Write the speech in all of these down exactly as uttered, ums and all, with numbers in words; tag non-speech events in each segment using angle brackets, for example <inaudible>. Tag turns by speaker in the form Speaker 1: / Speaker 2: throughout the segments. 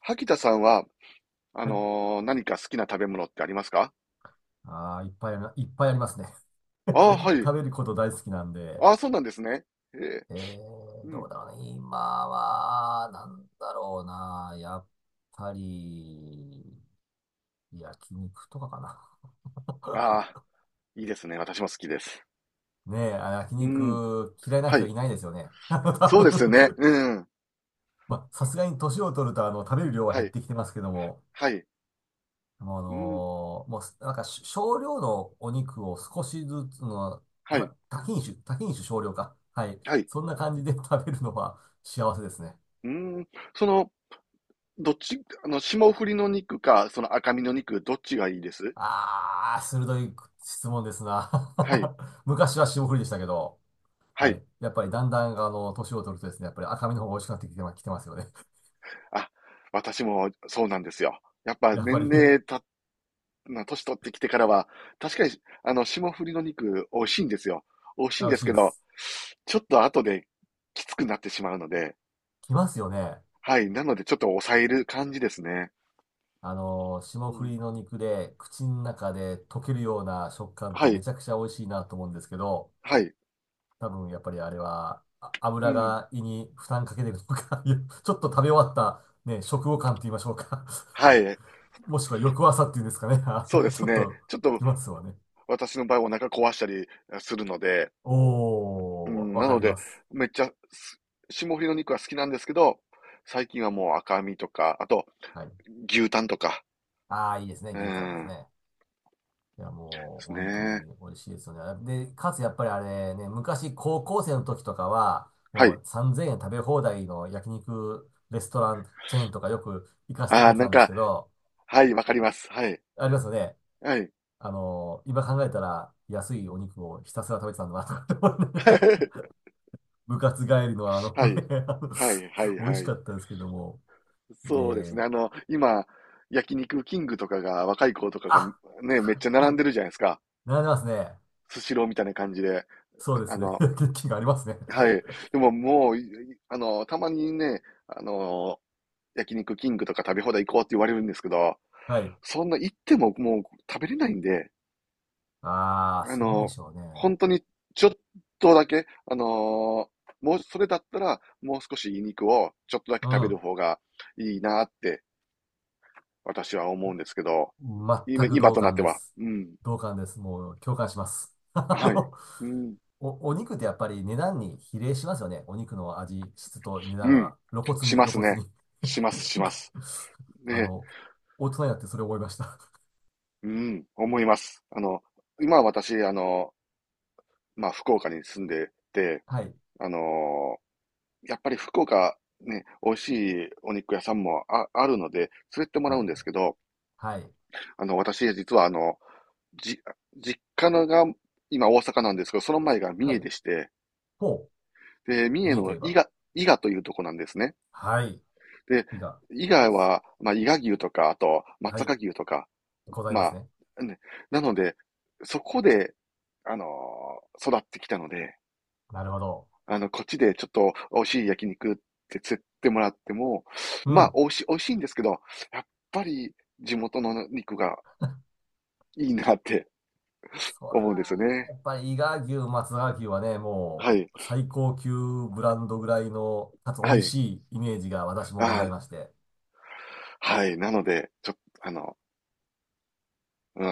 Speaker 1: 萩田さんは、あ
Speaker 2: はい。
Speaker 1: のー何か好きな食べ物ってありますか？
Speaker 2: ああ、いっぱいありま、いっぱいありますね。
Speaker 1: ああー、
Speaker 2: <laughs>
Speaker 1: はい。
Speaker 2: 食べること大好きなんで。
Speaker 1: ああ、そうなんですね。ええ、
Speaker 2: えー、
Speaker 1: う
Speaker 2: ど
Speaker 1: ん。
Speaker 2: うだろうね。今は、なんだろうな。やっぱり、焼肉とかかな。
Speaker 1: ああ、いいですね。私も好きです。
Speaker 2: <laughs> ねえ、あ焼
Speaker 1: うん。
Speaker 2: 肉嫌いな
Speaker 1: は
Speaker 2: 人
Speaker 1: い。
Speaker 2: いないですよね。<laughs> あの
Speaker 1: そう
Speaker 2: 多
Speaker 1: ですよね。
Speaker 2: 分。
Speaker 1: うん。
Speaker 2: <laughs> まあ、さすがに年を取ると、あの、食べる量は
Speaker 1: は
Speaker 2: 減っ
Speaker 1: い。
Speaker 2: てきてますけども、
Speaker 1: はい。
Speaker 2: あ
Speaker 1: うん。
Speaker 2: のーもう、なんかし少量のお肉を少しずつの、
Speaker 1: はい。
Speaker 2: た多品種、多品種少量か。はい。
Speaker 1: はい。
Speaker 2: そんな感じで食べるのは幸せですね。
Speaker 1: うん。その、どっち、あの、霜降りの肉か、その赤身の肉、どっちがいいです
Speaker 2: あー、鋭い質問ですな。
Speaker 1: はい。
Speaker 2: <laughs> 昔は霜降りでしたけど、
Speaker 1: は
Speaker 2: は
Speaker 1: い。
Speaker 2: い。やっぱりだんだん、あの、年を取るとですね、やっぱり赤身の方が美味しくなってきてま、きてますよね。
Speaker 1: あ、私もそうなんですよ。やっ
Speaker 2: <laughs>
Speaker 1: ぱ
Speaker 2: やっぱり
Speaker 1: 年齢、まあ、年取ってきてからは、確かに、あの、霜降りの肉、美味しいんですよ。美味しい
Speaker 2: あ、
Speaker 1: ん
Speaker 2: 美
Speaker 1: で
Speaker 2: 味し
Speaker 1: す
Speaker 2: い
Speaker 1: け
Speaker 2: で
Speaker 1: ど、
Speaker 2: す。
Speaker 1: ちょっと後できつくなってしまうので、
Speaker 2: きますよね。
Speaker 1: はい。なので、ちょっと抑える感じですね。
Speaker 2: あの
Speaker 1: う
Speaker 2: 霜降
Speaker 1: ん。
Speaker 2: りの肉で口の中で溶けるような食感って
Speaker 1: は
Speaker 2: め
Speaker 1: い。
Speaker 2: ちゃくちゃ美味しいなと思うんですけど、
Speaker 1: はい。
Speaker 2: 多分やっぱりあれは、あ
Speaker 1: う
Speaker 2: 油
Speaker 1: ん。
Speaker 2: が胃に負担かけてるのか。 <laughs> いやちょっと食べ終わった、ね、食後感って言いましょうか。
Speaker 1: は
Speaker 2: <laughs>
Speaker 1: い。
Speaker 2: もしくは翌朝っていうんですかね。 <laughs> あ
Speaker 1: そうで
Speaker 2: の
Speaker 1: す
Speaker 2: ちょっ
Speaker 1: ね。
Speaker 2: と
Speaker 1: ちょっと、
Speaker 2: きますわね。
Speaker 1: 私の場合、お腹壊したりするので、う
Speaker 2: おー、
Speaker 1: ん。
Speaker 2: わ
Speaker 1: な
Speaker 2: か
Speaker 1: の
Speaker 2: りま
Speaker 1: で、
Speaker 2: す。
Speaker 1: めっちゃ、す霜降りの肉は好きなんですけど、最近はもう赤身とか、あと、
Speaker 2: はい。
Speaker 1: 牛タンとか、
Speaker 2: ああ、いいですね。
Speaker 1: う
Speaker 2: 牛タンです
Speaker 1: ん。
Speaker 2: ね。いや、
Speaker 1: で
Speaker 2: もう、
Speaker 1: す
Speaker 2: 本当
Speaker 1: ね。
Speaker 2: に美味しいですよね。で、かつやっぱりあれね、昔高校生の時とかは、
Speaker 1: は
Speaker 2: も
Speaker 1: い。
Speaker 2: うさんぜんえん食べ放題の焼肉レストランチェーンとかよく行かせてく
Speaker 1: ああ、
Speaker 2: れて
Speaker 1: な
Speaker 2: た
Speaker 1: ん
Speaker 2: んです
Speaker 1: か、
Speaker 2: けど、
Speaker 1: はい、わかります。はい。
Speaker 2: ありますよね。
Speaker 1: はい。
Speaker 2: あの、今考えたら安いお肉をひたすら食べてたんだなとかって思いながら、
Speaker 1: <laughs>
Speaker 2: <laughs> 部活帰りのあの
Speaker 1: はい。
Speaker 2: ね、あの、
Speaker 1: はい、はい、
Speaker 2: 美味し
Speaker 1: はい。
Speaker 2: かったですけども。で、
Speaker 1: そうですね。あの、今、焼肉キングとかが、若い子とかが、
Speaker 2: あ、
Speaker 1: ね、めっ
Speaker 2: は
Speaker 1: ちゃ
Speaker 2: いは
Speaker 1: 並
Speaker 2: い、
Speaker 1: んでるじゃないですか。
Speaker 2: 並んでますね。
Speaker 1: スシローみたいな感じで。
Speaker 2: そう
Speaker 1: あ
Speaker 2: で
Speaker 1: あ
Speaker 2: すね。<laughs>
Speaker 1: の、
Speaker 2: 元気がありますね。
Speaker 1: はい。でももう、いあの、たまにね、あの、焼肉キングとか食べ放題行こうって言われるんですけど、
Speaker 2: はい。
Speaker 1: そんな行ってももう食べれないんで、
Speaker 2: ああ、
Speaker 1: あ
Speaker 2: そうで
Speaker 1: の、
Speaker 2: しょうね。
Speaker 1: 本当にちょっとだけ、あのーもう、それだったら、もう少しいい肉をちょっとだ
Speaker 2: う
Speaker 1: け食べる
Speaker 2: ん。
Speaker 1: 方がいいなって私は思うんですけど、今、
Speaker 2: 全く
Speaker 1: 今
Speaker 2: 同
Speaker 1: となっ
Speaker 2: 感
Speaker 1: て
Speaker 2: で
Speaker 1: は。
Speaker 2: す。
Speaker 1: うん。
Speaker 2: 同感です。もう共感します。<laughs> あ
Speaker 1: はい。
Speaker 2: の
Speaker 1: うん。
Speaker 2: お、お肉ってやっぱり値段に比例しますよね。お肉の味、質と値
Speaker 1: う
Speaker 2: 段
Speaker 1: ん。
Speaker 2: は露骨
Speaker 1: し
Speaker 2: に、
Speaker 1: ま
Speaker 2: 露
Speaker 1: す
Speaker 2: 骨
Speaker 1: ね。
Speaker 2: に。
Speaker 1: しま
Speaker 2: <laughs>
Speaker 1: す、し
Speaker 2: なん
Speaker 1: ま
Speaker 2: か
Speaker 1: す。
Speaker 2: あ
Speaker 1: ね。
Speaker 2: の、大人になってそれを覚えました。
Speaker 1: うん。思います。あの、今私、あの、まあ、福岡に住んでて、
Speaker 2: <laughs> はい。
Speaker 1: あのーやっぱり福岡、ね、美味しいお肉屋さんもあ、あるので、連れてっても
Speaker 2: は
Speaker 1: ら
Speaker 2: い、は
Speaker 1: うんです
Speaker 2: い。
Speaker 1: けど、
Speaker 2: はい。
Speaker 1: あの、私、実はあの、じ、実家のが今大阪なんですけど、その前が三
Speaker 2: は
Speaker 1: 重
Speaker 2: い。
Speaker 1: でして、
Speaker 2: ほ
Speaker 1: で、三
Speaker 2: う。
Speaker 1: 重
Speaker 2: 見えてい
Speaker 1: の
Speaker 2: れ
Speaker 1: 伊
Speaker 2: ば。
Speaker 1: 賀、伊賀というとこなんですね。
Speaker 2: はい。
Speaker 1: で、
Speaker 2: いが、
Speaker 1: 伊
Speaker 2: わかりま
Speaker 1: 賀
Speaker 2: す。
Speaker 1: は、まあ、伊賀牛とか、あと、
Speaker 2: は
Speaker 1: 松
Speaker 2: い。
Speaker 1: 阪牛とか、
Speaker 2: ございます
Speaker 1: ま
Speaker 2: ね。
Speaker 1: あ、ね、なので、そこで、あのー育ってきたので、
Speaker 2: なるほど。
Speaker 1: あの、こっちでちょっと美味しい焼肉って釣ってもらっても、
Speaker 2: う
Speaker 1: まあ、
Speaker 2: ん。
Speaker 1: 美味しい、美味しいんですけど、やっぱり地元の肉がいいなって
Speaker 2: そら、
Speaker 1: 思うんですよね。
Speaker 2: やっぱり伊賀牛、松阪牛はね、
Speaker 1: は
Speaker 2: も
Speaker 1: い。
Speaker 2: う最高級ブランドぐらいの、かつ美
Speaker 1: は
Speaker 2: 味
Speaker 1: い。
Speaker 2: しいイメージが私もござ
Speaker 1: あ
Speaker 2: いまして。
Speaker 1: あ、はい。なので、ちょっと、あの、うん。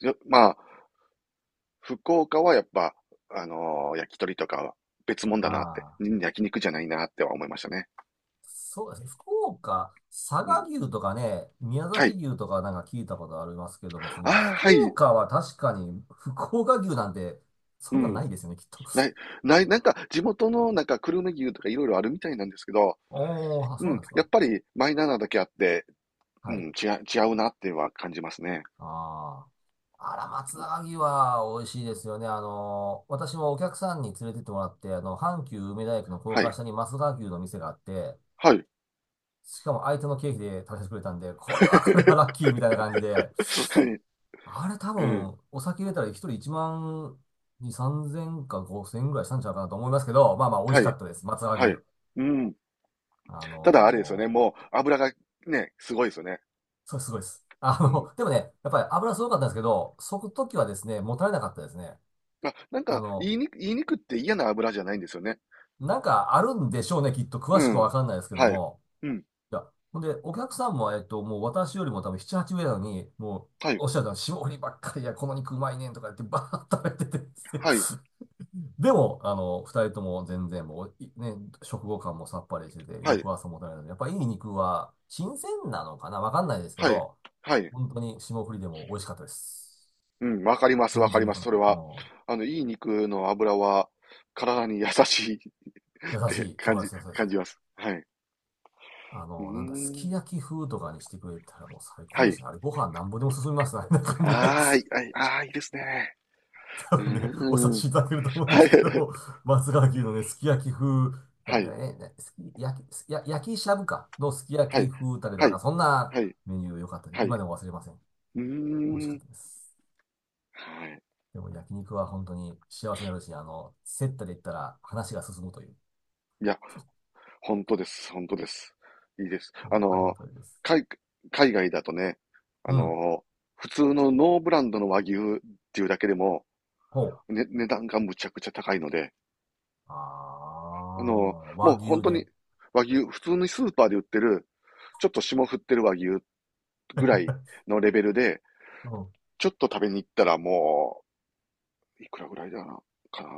Speaker 1: よまあ、福岡はやっぱ、あのー焼き鳥とかは別物だなって、
Speaker 2: ああ。
Speaker 1: ん焼肉じゃないなっては思いましたね。
Speaker 2: そうですね。福岡、佐
Speaker 1: う
Speaker 2: 賀
Speaker 1: ん。
Speaker 2: 牛とかね、宮
Speaker 1: は
Speaker 2: 崎
Speaker 1: い。
Speaker 2: 牛とかなんか聞いたことありますけども、その
Speaker 1: ああ、
Speaker 2: 福
Speaker 1: はい。
Speaker 2: 岡は確かに福岡牛なんてそ
Speaker 1: う
Speaker 2: んなん
Speaker 1: ん。
Speaker 2: ないですよね、きっと。
Speaker 1: な
Speaker 2: <laughs>
Speaker 1: い、ない、なんか地元のなんか久留米牛とかいろいろあるみたいなんですけど、
Speaker 2: おー、あ、
Speaker 1: う
Speaker 2: そうな
Speaker 1: ん。
Speaker 2: んです
Speaker 1: や
Speaker 2: か。
Speaker 1: っぱりマイナーなだけあって、う
Speaker 2: は
Speaker 1: ん、
Speaker 2: い。
Speaker 1: 違う、違うなっていうのは感じますね。
Speaker 2: ああ。あら、松阪牛は美味しいですよね。あのー、私もお客さんに連れてってもらって、あの、阪急梅田駅の高
Speaker 1: は
Speaker 2: 架
Speaker 1: い。
Speaker 2: 下に松阪牛の店があって、
Speaker 1: はい。
Speaker 2: しかも相手の経費で食べさせてくれたんで、これ
Speaker 1: <laughs>
Speaker 2: はこれはラッキーみたいな感じで、
Speaker 1: はい。
Speaker 2: あれ多
Speaker 1: うん。
Speaker 2: 分、お酒入れたら一人いちまんに、さんぜんかごせんぐらいしたんちゃうかなと思いますけど、まあまあ美味
Speaker 1: は
Speaker 2: しか
Speaker 1: い。
Speaker 2: ったです。松葉
Speaker 1: は
Speaker 2: 牛。
Speaker 1: い。うん。
Speaker 2: あ
Speaker 1: ただあれですよね。
Speaker 2: のー、
Speaker 1: もう油がね、すごいですよね。
Speaker 2: それすごいです。<laughs> あ
Speaker 1: うん。
Speaker 2: の、でもね、やっぱり油すごかったんですけど、そく時はですね、もたれなかったですね。
Speaker 1: あ、なん
Speaker 2: あ
Speaker 1: か、
Speaker 2: の、
Speaker 1: 言いにく、言いにくって嫌な油じゃないんですよね。
Speaker 2: なんかあるんでしょうね、きっと詳
Speaker 1: う
Speaker 2: しくはわ
Speaker 1: ん。
Speaker 2: かんないですけど
Speaker 1: はい。
Speaker 2: も。
Speaker 1: うん。
Speaker 2: いや、ほんで、お客さんも、えっと、もう私よりも多分なな、はち名なのに、もう、
Speaker 1: はい。
Speaker 2: おっしゃるの、霜降りばっかりや、この肉うまいねんとか言ってバーッと食べててですね、
Speaker 1: はい。
Speaker 2: でも、あの、二人とも全然もう、いね、食後感もさっぱりしてて、
Speaker 1: は
Speaker 2: 翌
Speaker 1: い。
Speaker 2: 朝もたれないので、やっぱいい肉は新鮮なのかなわかんないですけ
Speaker 1: はい。
Speaker 2: ど、
Speaker 1: はい。
Speaker 2: 本当に霜降りでも美味しかったです。
Speaker 1: うん。わかります。わ
Speaker 2: 全
Speaker 1: か
Speaker 2: 然
Speaker 1: りま
Speaker 2: 残
Speaker 1: す。
Speaker 2: ら
Speaker 1: そ
Speaker 2: な
Speaker 1: れ
Speaker 2: かった。
Speaker 1: は。
Speaker 2: うん。
Speaker 1: あの、いい肉の油は、体に優しいっ
Speaker 2: 優し
Speaker 1: て
Speaker 2: い。そ
Speaker 1: 感
Speaker 2: うで
Speaker 1: じ、
Speaker 2: す、そうです。
Speaker 1: 感じます。はい。
Speaker 2: あ
Speaker 1: うー
Speaker 2: の、なんだ、す
Speaker 1: ん。
Speaker 2: き焼き風とかにしてくれたらもう最高
Speaker 1: は
Speaker 2: でした
Speaker 1: い。
Speaker 2: ね。あれ、ご飯なんぼでも進みますね。<laughs> あんな感じで。
Speaker 1: ああ、いいはい。ああ、いいですね。
Speaker 2: 多
Speaker 1: う
Speaker 2: 分ね、お察
Speaker 1: ーん。
Speaker 2: しいただけると思うんで
Speaker 1: はい。
Speaker 2: すけど、<laughs> 松川牛のね、すき焼き風、な
Speaker 1: は
Speaker 2: んか
Speaker 1: い。
Speaker 2: ね、ねすき焼き、すや焼きしゃぶかのすき焼
Speaker 1: は
Speaker 2: き
Speaker 1: い。
Speaker 2: 風タレと
Speaker 1: は
Speaker 2: か、なん
Speaker 1: い。
Speaker 2: かそんな
Speaker 1: はい。
Speaker 2: メニュー良かったです。
Speaker 1: はい。
Speaker 2: 今でも忘れません。
Speaker 1: うー
Speaker 2: 美味しかっ
Speaker 1: ん。
Speaker 2: たです。
Speaker 1: はい。
Speaker 2: でも焼肉は本当に幸せになるし、あの、接待で言ったら話が進むという。
Speaker 1: いや本当です。本当です。いいです。
Speaker 2: お
Speaker 1: あ
Speaker 2: ありが
Speaker 1: の、
Speaker 2: たいです。
Speaker 1: 海、海外だとね、あ
Speaker 2: うん。
Speaker 1: の、普通のノーブランドの和牛っていうだけでも、
Speaker 2: ほう。
Speaker 1: ね、値段がむちゃくちゃ高いので、
Speaker 2: あ
Speaker 1: あの、
Speaker 2: あ、
Speaker 1: も
Speaker 2: 和
Speaker 1: う本
Speaker 2: 牛
Speaker 1: 当
Speaker 2: で。
Speaker 1: に和牛、普通にスーパーで売ってる、ちょっと霜降ってる和牛ぐらい
Speaker 2: <laughs>
Speaker 1: のレベルで、
Speaker 2: うん。
Speaker 1: ちょっと食べに行ったらもう、いくらぐらいだな、かな。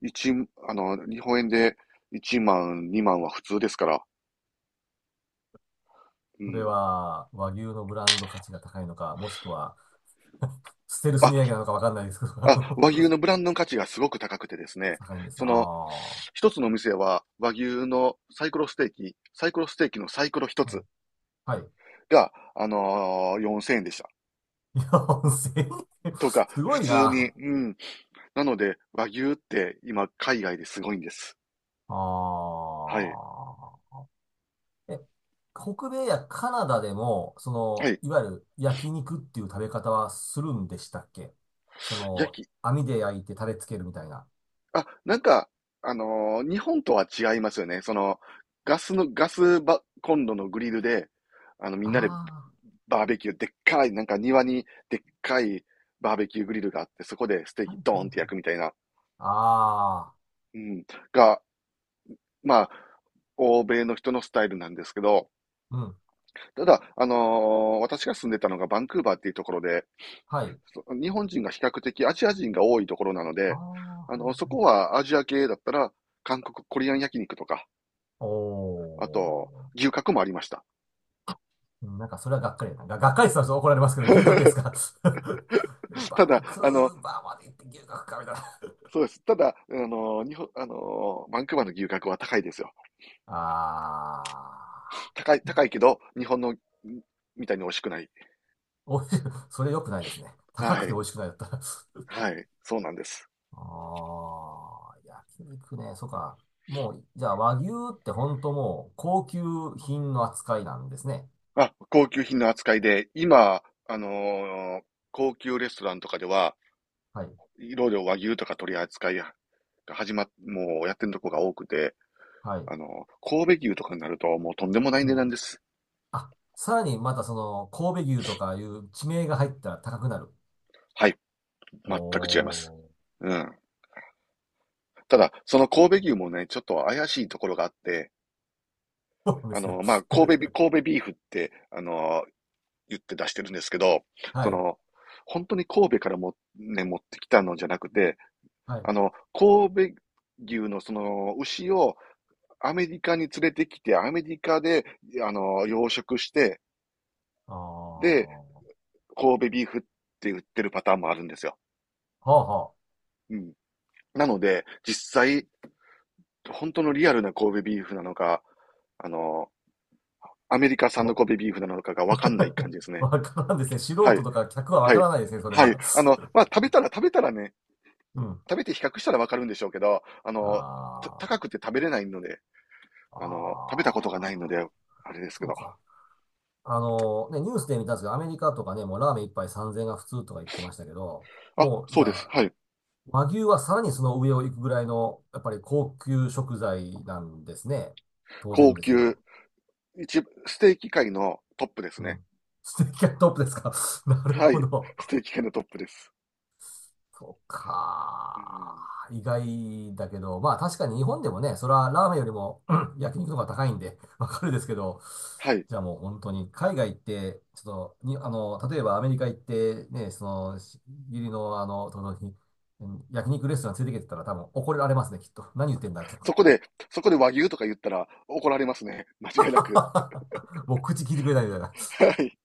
Speaker 1: 一、あの、日本円でいちまん、にまんは普通ですから。う
Speaker 2: それ
Speaker 1: ん。
Speaker 2: は、和牛のブランド価値が高いのか、もしくは、<laughs> ステルス値上げ
Speaker 1: あ、
Speaker 2: なのかわかんないですけど、あ
Speaker 1: あ、
Speaker 2: の。
Speaker 1: 和
Speaker 2: <laughs>
Speaker 1: 牛のブランドの価値がすごく高くてですね、
Speaker 2: 高いんです
Speaker 1: そ
Speaker 2: あ
Speaker 1: の、
Speaker 2: あ。
Speaker 1: 一つのお店は和牛のサイコロステーキ、サイコロステーキのサイコロ一
Speaker 2: はい。
Speaker 1: つ
Speaker 2: はい。
Speaker 1: が、あのーよんせんえんでした。
Speaker 2: いや、よんせんえん。
Speaker 1: とか、
Speaker 2: すご
Speaker 1: 普
Speaker 2: い
Speaker 1: 通に、
Speaker 2: な。
Speaker 1: うん。なので、和牛って今、海外ですごいんです。はい。
Speaker 2: ああ。え、北米やカナダでも、そ
Speaker 1: は
Speaker 2: の、
Speaker 1: い。
Speaker 2: いわゆる焼肉っていう食べ方はするんでしたっけ。そ
Speaker 1: 焼
Speaker 2: の、
Speaker 1: き、
Speaker 2: 網で焼いてタレつけるみたいな。
Speaker 1: あ、なんか、あのー日本とは違いますよね。その、ガスの、ガスばコンロのグリルで、あの、みんなで
Speaker 2: あ
Speaker 1: バーベキュー、でっかい、なんか庭にでっかいバーベキューグリルがあって、そこでステー
Speaker 2: あ、は
Speaker 1: キ
Speaker 2: い
Speaker 1: ド
Speaker 2: はい
Speaker 1: ーンって
Speaker 2: はい。
Speaker 1: 焼くみたいな、
Speaker 2: ああ、
Speaker 1: うん、が、まあ、欧米の人のスタイルなんですけど、
Speaker 2: うん。
Speaker 1: ただ、あのー私が住んでたのがバンクーバーっていうところで、
Speaker 2: はい。
Speaker 1: そ日本人が比較的アジア人が多いところなの
Speaker 2: ああ、
Speaker 1: で、
Speaker 2: は
Speaker 1: あ
Speaker 2: い
Speaker 1: の、そ
Speaker 2: は
Speaker 1: こ
Speaker 2: い。
Speaker 1: はアジア系だったら、韓国コリアン焼肉とか、
Speaker 2: お
Speaker 1: あと、
Speaker 2: ー。
Speaker 1: 牛角もありました。
Speaker 2: うん、なんかそれはがっかりだな。が、がっかりしたら怒られますけど、牛角ですか。
Speaker 1: <laughs>
Speaker 2: <laughs>
Speaker 1: た
Speaker 2: バン
Speaker 1: だ、
Speaker 2: ク
Speaker 1: あの、
Speaker 2: ーバーまで行って牛角かみたいな。
Speaker 1: そうです。ただ、あの、日本、あの、バンクーバーの牛角は高いですよ。
Speaker 2: あー。
Speaker 1: 高い、高いけど、日本の、んみたいに美味しくない。
Speaker 2: おいしい。それ良くないですね。高
Speaker 1: は
Speaker 2: くて
Speaker 1: い。
Speaker 2: 美味しくないだったら。<laughs>
Speaker 1: はい。そうなんです。
Speaker 2: あー、焼肉ね。そうか。もう、じゃあ和牛って本当もう高級品の扱いなんですね。
Speaker 1: あ、高級品の扱いで、今、あのー高級レストランとかでは、
Speaker 2: はい。
Speaker 1: いろいろ和牛とか取り扱いが始まっ、もうやってるとこが多くて、
Speaker 2: はい。
Speaker 1: あのー神戸牛とかになるともうとんでもない
Speaker 2: う
Speaker 1: 値
Speaker 2: ん。
Speaker 1: 段です。
Speaker 2: あ、さらにまたその神戸牛とかいう地名が入ったら高くなる。
Speaker 1: はい。全く違います。
Speaker 2: おー。
Speaker 1: うん。ただ、その神戸牛もね、ちょっと怪しいところがあって、
Speaker 2: そうで
Speaker 1: あ
Speaker 2: すね。
Speaker 1: の、まあ、神戸ビ、
Speaker 2: <laughs>
Speaker 1: 神戸ビーフって、あの、言って出してるんですけど、
Speaker 2: は
Speaker 1: そ
Speaker 2: い。
Speaker 1: の、本当に神戸からも、ね、持ってきたのじゃなくて、
Speaker 2: はい。
Speaker 1: あの、神戸牛のその牛をアメリカに連れてきて、アメリカで、あの、養殖して、
Speaker 2: あ
Speaker 1: で、
Speaker 2: あ、は
Speaker 1: 神戸ビーフって売ってるパターンもあるんですよ。
Speaker 2: あは
Speaker 1: うん。なので、実際、本当のリアルな神戸ビーフなのか、あの、アメリカ
Speaker 2: あ。
Speaker 1: 産の
Speaker 2: わ、
Speaker 1: 神戸ビーフなのかがわかんない感
Speaker 2: <laughs>
Speaker 1: じですね。
Speaker 2: わからんですね。素
Speaker 1: は
Speaker 2: 人
Speaker 1: い。
Speaker 2: とか客はわ
Speaker 1: は
Speaker 2: か
Speaker 1: い。
Speaker 2: らないですね、それ
Speaker 1: はい。
Speaker 2: は。
Speaker 1: あの、まあ、食べたら食べたらね、
Speaker 2: <laughs> うん。
Speaker 1: 食べて比較したらわかるんでしょうけど、あの、た
Speaker 2: あ
Speaker 1: 高くて食べれないので、
Speaker 2: あ、
Speaker 1: あの、食べたことがない
Speaker 2: あ
Speaker 1: の
Speaker 2: あ、
Speaker 1: で、あれですけ
Speaker 2: そう
Speaker 1: ど。
Speaker 2: か。あの、ね、ニュースで見たんですけど、アメリカとかね、もうラーメン一杯さんぜんえんが普通とか言ってましたけど、
Speaker 1: あ、
Speaker 2: もう、
Speaker 1: そ
Speaker 2: じ
Speaker 1: う
Speaker 2: ゃ
Speaker 1: です。
Speaker 2: あ、
Speaker 1: はい。
Speaker 2: 和牛はさらにその上を行くぐらいの、やっぱり高級食材なんですね。当然
Speaker 1: 高
Speaker 2: ですけ
Speaker 1: 級、
Speaker 2: ど。
Speaker 1: 一、ステーキ界のトップです
Speaker 2: う
Speaker 1: ね。
Speaker 2: ん。ステーキがトップですか。<laughs> なる
Speaker 1: は
Speaker 2: ほ
Speaker 1: い。
Speaker 2: ど。
Speaker 1: ステーキ界のトップです。
Speaker 2: そう
Speaker 1: う
Speaker 2: か。
Speaker 1: ん。
Speaker 2: 意外だけど、まあ確かに日本でもね、それはラーメンよりもうん焼肉の方が高いんで、わかるですけど、
Speaker 1: はい。
Speaker 2: じゃあもう本当に海外行って、ちょっとに、あの、例えばアメリカ行って、ね、その、し義理のあの、友達に、うん焼肉レストラン連れてきてたら多分怒られますね、きっと。何言ってんだって思っ
Speaker 1: そこで、
Speaker 2: て。
Speaker 1: そこで和牛とか言ったら怒られますね。間違いなく。
Speaker 2: <laughs> もう口聞いてくれないみたいな。
Speaker 1: はい。